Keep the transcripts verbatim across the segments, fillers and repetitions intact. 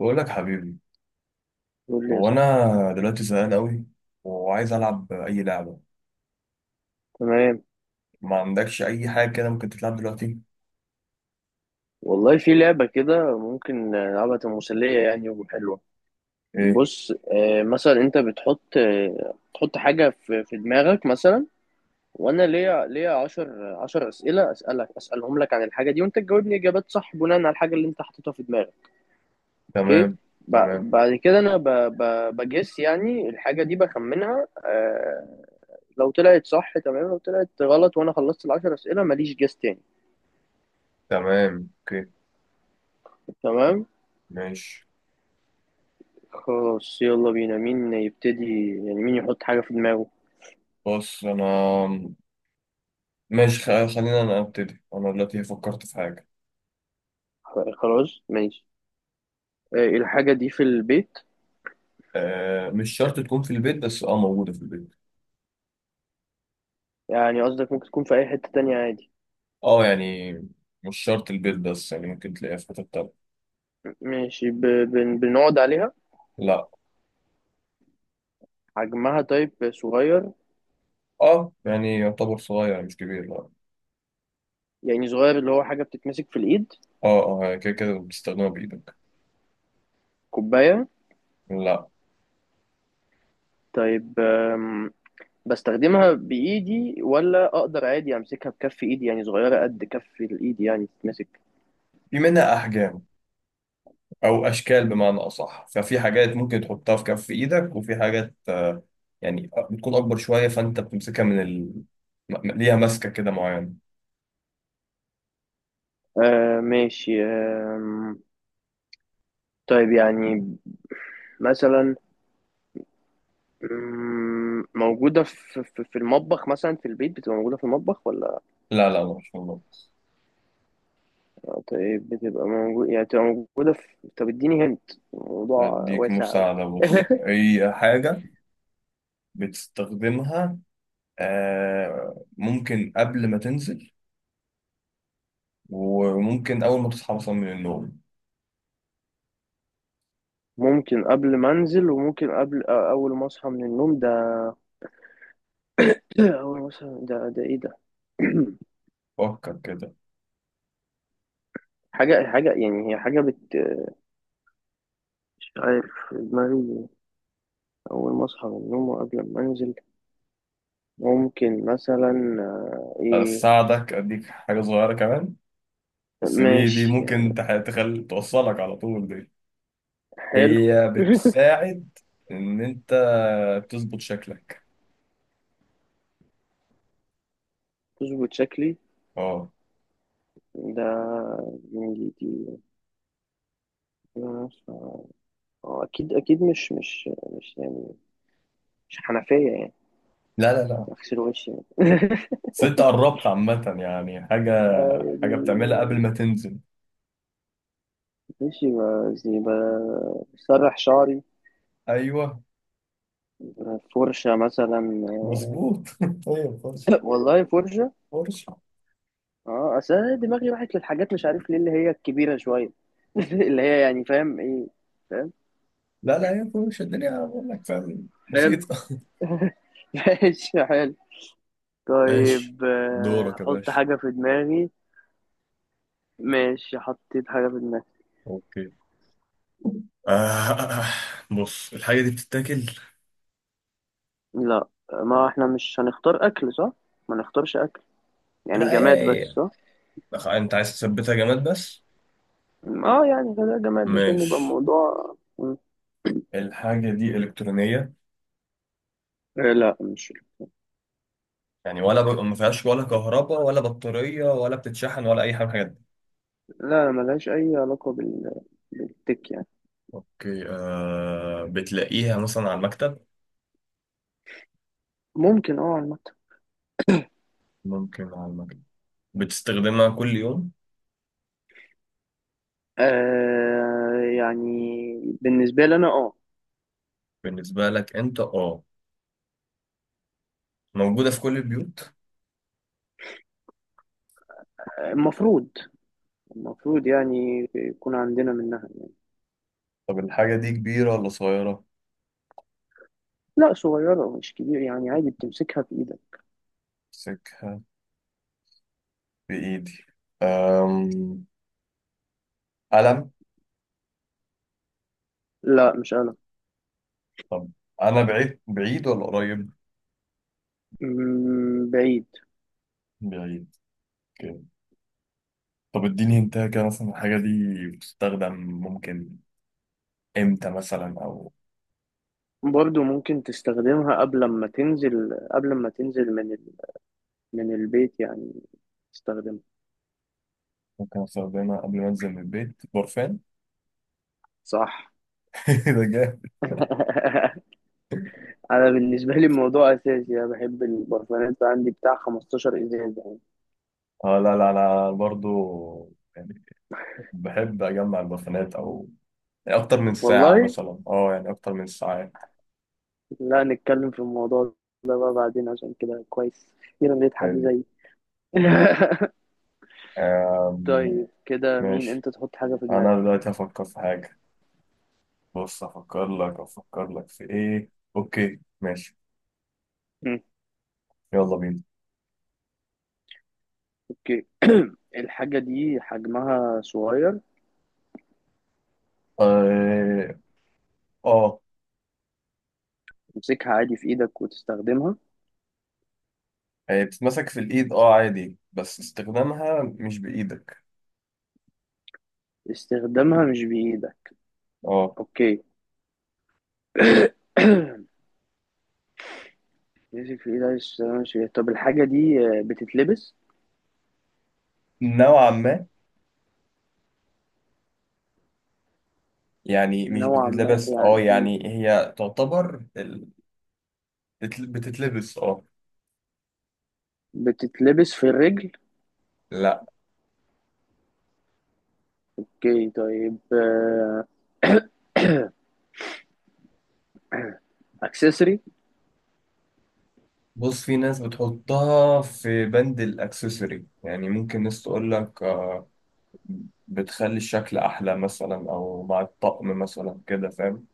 بقول لك حبيبي. قول لي يا هو صاحبي. انا دلوقتي زهقان قوي، وعايز العب اي لعبه. تمام، ما عندكش اي حاجه كده ممكن تتلعب دلوقتي؟ والله في لعبة كده ممكن نلعبها تبقى مسلية يعني وحلوة. ايه؟ بص آه، مثلا انت بتحط آه، تحط حاجة في في دماغك مثلا، وانا ليا ليا 10 10 أسئلة أسألك أسألهم لك عن الحاجة دي، وانت تجاوبني إجابات صح بناء على الحاجة اللي انت حاططها في دماغك. اوكي. تمام، تمام، ب- بعد كده انا ب- ب- بجس يعني الحاجة دي بخمنها آه، لو طلعت صح تمام، لو طلعت غلط وانا خلصت العشر أسئلة ماليش جس تاني. تمام، اوكي، تمام. ماشي. خلاص يلا بينا، مين يبتدي يعني مين يحط حاجة في دماغه. بص انا. ماشي، خ- خلينا انا ابتدي، انا دلوقتي فكرت في حاجه. خلاص ماشي. آه، الحاجة دي في البيت؟ آه، مش شرط تكون في البيت، بس اه موجوده في البيت. يعني قصدك ممكن تكون في أي حتة تانية عادي. اه يعني مش شرط البيت، بس يعني ممكن تلاقيها في حته تانية. ماشي. ب... بن... بنقعد عليها؟ لا. حجمها طيب صغير. اه يعني يعتبر صغير، مش كبير. لا. يعني صغير اللي هو حاجة بتتمسك في الإيد. اه، اه، يعني كده كده بتستخدمها بايدك. كوباية؟ لا. طيب، آم، بستخدمها بإيدي ولا أقدر عادي أمسكها بكف إيدي؟ يعني صغيرة قد كف الإيد يعني تتمسك. في منها احجام او اشكال بمعنى اصح، ففي حاجات ممكن تحطها في كف ايدك، وفي حاجات آه، يعني بتكون اكبر شويه، فانت بتمسكها من ال... م- ليها ماسكه كده معينه. آه ماشي، آم، طيب يعني مثلا، مم، موجودة في في في المطبخ مثلا؟ في البيت بتبقى موجودة في المطبخ ولا؟ لا لا، ما شاء الله. طيب بتبقى موجودة، يعني بتبقى موجودة في، طب اديني، هنت الموضوع هديك واسع أوي. مساعده، بص هي حاجه بتستخدمها آه، ممكن قبل ما تنزل، وممكن اول ما تصحى مثلا من النوم. ممكن قبل ما انزل، وممكن قبل آه، اول ما اصحى من النوم ده. اول ما اصحى ده، ده ايه ده؟ فكر كده. حاجة حاجة يعني، هي حاجة بت، مش عارف، في دماغي اول ما اصحى من النوم وقبل ما انزل ممكن مثلا آه، ايه. اساعدك، اديك حاجه صغيره كمان، بس دي دي ماشي ممكن يعني. تح- تخل... توصلك على طول دي. حلو. هي بتساعد ان انت تظبط شكلك. تظبط شكلي؟ اه. ده يعني دي، أنا ف-، هو أكيد أكيد مش مش مش يعني مش حنفية يعني لا لا لا. أغسل وشي يعني. بس انت قربت عامة يعني، حاجة، آه، حاجة بتعملها قبل يعني ما تنزل. ماشي، ب- زي ب- بسرح شعري. ايوه، فرشة مثلا. مظبوط. هي فرشة، والله فرشة. فرشة. اه، اصل انا دماغي راحت للحاجات مش عارف ليه اللي هي الكبيره شويه. اللي هي يعني، فاهم ايه، فاهم. لا لا، هي فرشة الدنيا، بقول لك. فاهم، حلو. بسيطة. ماشي حلو. ماشي، طيب آه، دورك يا احط باشا. حاجه في دماغي. ماشي، حطيت حاجه في دماغي. اوكي. آه آه، آه. بص الحاجة دي بتتاكل؟ لا ما احنا مش هنختار اكل صح؟ ما نختارش اكل، يعني لا، جماد بس هي- صح؟ هي- انت عايز تثبتها جماد بس؟ اه يعني خليها جماد عشان يبقى ماشي. الموضوع مم. الحاجة دي إلكترونية؟ آه لا مش. يعني ولا ب... ما فيهاش ولا كهرباء ولا بطارية ولا بتتشحن ولا أي حاجة من الحاجات دي؟ لا ملهاش اي علاقة بال... بالتك يعني. أوكي. آه بتلاقيها مثلا على المكتب؟ ممكن اه عامة. ممكن على المكتب. بتستخدمها كل يوم؟ آه يعني بالنسبة لي انا اه. بالنسبة لك أنت، أه. موجودة في كل البيوت. المفروض، المفروض يعني يكون عندنا منها. طب الحاجة دي كبيرة ولا صغيرة؟ لا صغيرة مش كبير، يعني عادي بتمسكها في ايدك. أمسكها بإيدي. أم... قلم. لا مش قلم. طب أنا بعيد، بعيد ولا قريب؟ مم، بعيد. بعيد. أوكي. طب اديني انت كده مثلا الحاجة دي بتستخدم، ممكن امتى مثلا، او برضو ممكن تستخدمها قبل ما تنزل، قبل ما تنزل من ال... من البيت يعني تستخدمها. ممكن استخدمها قبل ما انزل من البيت. برفان؟ صح. ده جامد. انا بالنسبه لي الموضوع اساسي، انا بحب البرفانات، عندي بتاع خمستاشر ازاز يعني. اه لا لا انا برضو، يعني بحب اجمع البرفانات، او يعني اكتر من ساعة والله مثلا، اه يعني اكتر من ساعات. لا نتكلم في الموضوع ده بقى بعدين، عشان كده كويس اخيرا لقيت حد حلو. زيي. آم، طيب كده مين؟ ماشي. انت تحط حاجه في انا دماغك. دلوقتي هفكر في حاجة. بص، هفكر لك هفكر لك في ايه. اوكي ماشي، مم. يلا بينا. اوكي. الحاجه دي حجمها صغير. اه. آه. تمسكها عادي في ايدك وتستخدمها. هي بتتمسك في الايد، اه عادي، بس استخدامها مش بايدك. استخدامها مش بايدك؟ اه. اوكي. بيمسك في ايد عايز ماشي، طب الحاجة دي آه، بتتلبس؟ نوعا ما، يعني مش نوعا ما بتتلبس، اه يعني إيه؟ يعني هي تعتبر ال- بتل- بتتلبس، اه. بتتلبس في الرجل؟ لا. اوكي طيب آه، اكسسوري؟ بص، في ناس بتحطها في بند الاكسسوري، يعني ممكن ناس تقول لك آه، بتخلي الشكل احلى مثلا، او مع الطقم مثلا كده، فاهم.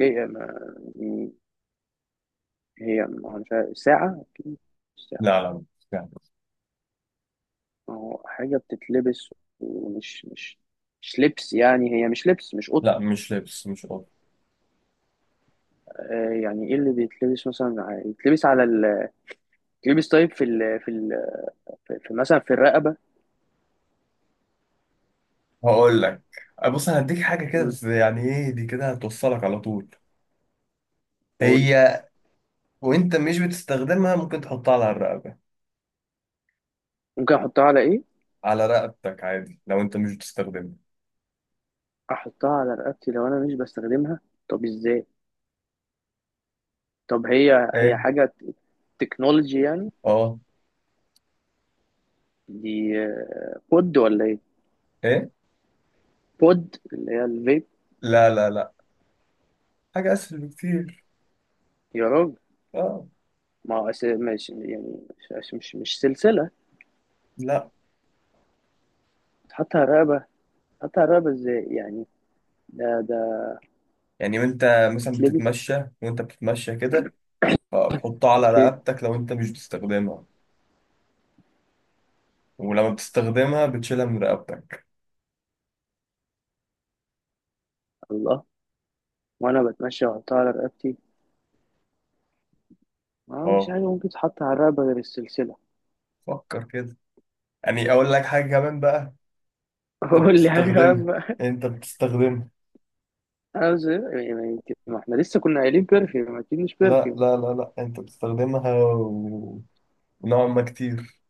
اوكي، ما- م- هي ما- مش عارف، ساعة؟ اوكي مش ساعة. لا لا، مش كده. ما هو حاجة بتتلبس، ومش مش مش لبس يعني، هي مش لبس مش قط. لا مش لبس، مش قط. آه، يعني ايه اللي بيتلبس مثلا ع- يتلبس على ال، يتلبس طيب في ال في ال في في مثلا في الرقبة. هقول لك. آه، بص انا هديك حاجه كده، مم، بس يعني ايه دي كده هتوصلك على طول. قول. هي. وانت مش بتستخدمها ممكن تحطها على الرقبه، ممكن احطها على ايه؟ على رقبتك عادي لو انت مش بتستخدمها. احطها على رقبتي لو انا مش بستخدمها؟ طب ازاي؟ طب هي هي ايه. حاجه تكنولوجي يعني؟ اه. دي آه، بود ولا ايه؟ ايه. بود اللي هي الفيب. لا لا لا، حاجة اسهل بكتير. يا راجل. اه. ما هو أس-، مش يعني، مش مش, مش سلسله لا. تحط على الرقبه. تحط على الرقبه ازاي يعني؟ ده ده يعني وانت مثلا بتتلبس. بتتمشى، وانت بتتمشى كده، فتحطها على اوكي. رقبتك لو انت مش بتستخدمها، ولما بتستخدمها بتشيلها من رقبتك. الله. وانا بتمشى واحطها على رقبتي؟ ما هو مش اه. حاجه ممكن تتحط على الرقبه غير السلسله. فكر كده، يعني اقول لك حاجة كمان بقى. انت قول لي حاجه بتستخدمها، بقى. انت بتستخدمها انا بس يعني، ما احنا لسه كنا قايلين بيرفيوم، اكيد مش لا بيرفيوم. لا لا لا، انت بتستخدمها و- ونوعا ما كتير.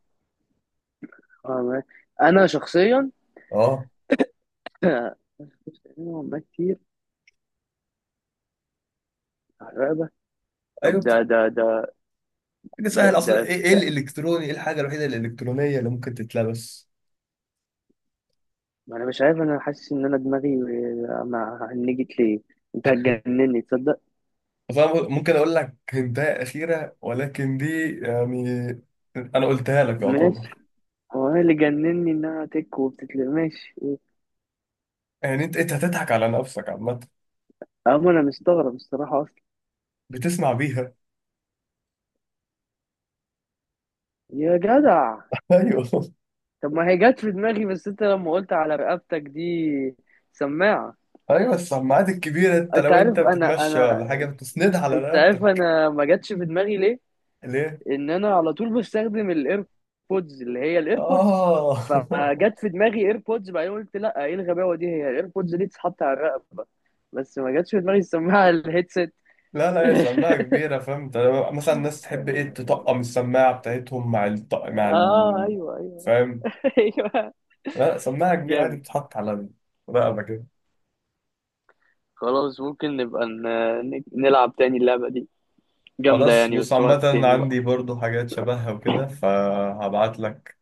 آه، ما-، انا شخصيا. اه شفت أنمي والله كتير، حرقة. طب ايوه بت... ده ده ده حاجة ده سهلة ده اصلا. ايه، إيه بتاع-، الالكتروني، ايه الحاجة الوحيدة الالكترونية اللي ممكن تتلبس؟ ما أنا مش عارف، أنا حاسس إن أنا دماغي ما هنجت ليه، أنت هتجنني تصدق. فاهم، ممكن اقول لك هنتايه اخيره، ولكن دي يعني انا قلتها لك ماشي. يعتبر. هو أنا اللي جنني إنها تك وبتتل ماشي أه،. يعني انت انت هتضحك على نفسك عامه. أما أنا مستغرب الصراحة أصلا. بتسمع بيها. يا جدع. ايوه. طب ما هي جت في دماغي بس أنت لما قلت على رقبتك دي، سماعة. ايوه، السماعات الكبيره، انت أنت لو انت عارف أنا، بتتمشى أنا ولا حاجه بتسندها على أنت عارف رقبتك. أنا ما جاتش في دماغي ليه؟ ليه. ان انا على طول بستخدم الايربودز اللي هي الايربودز، اه. فجت في دماغي ايربودز، بعدين قلت لا ايه الغباوه دي، هي الايربودز دي تتحط على الرقبه؟ بس ما جاتش في دماغي السماعه على الهيدسيت. لا لا، هي سماعه كبيره، فهمت. مثلا الناس تحب ايه، تطقم السماعه بتاعتهم مع الط... مع اه ال... ايوه ايوه. فاهم. ايوه. لا سماعه كبيره عادي جامد. بتتحط على الرقبه كده. خلاص ممكن نبقى ن- نلعب تاني اللعبه دي، جامده خلاص، يعني، بص بس وقت عامة تاني بقى. عندي برضو حاجات شبهها وكده، فهبعت لك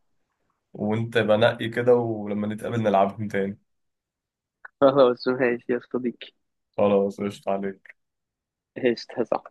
وانت بنقي كده، ولما نتقابل نلعبهم تاني. خلاص ماشي يا صديقي. خلاص، قشطة عليك. ايش.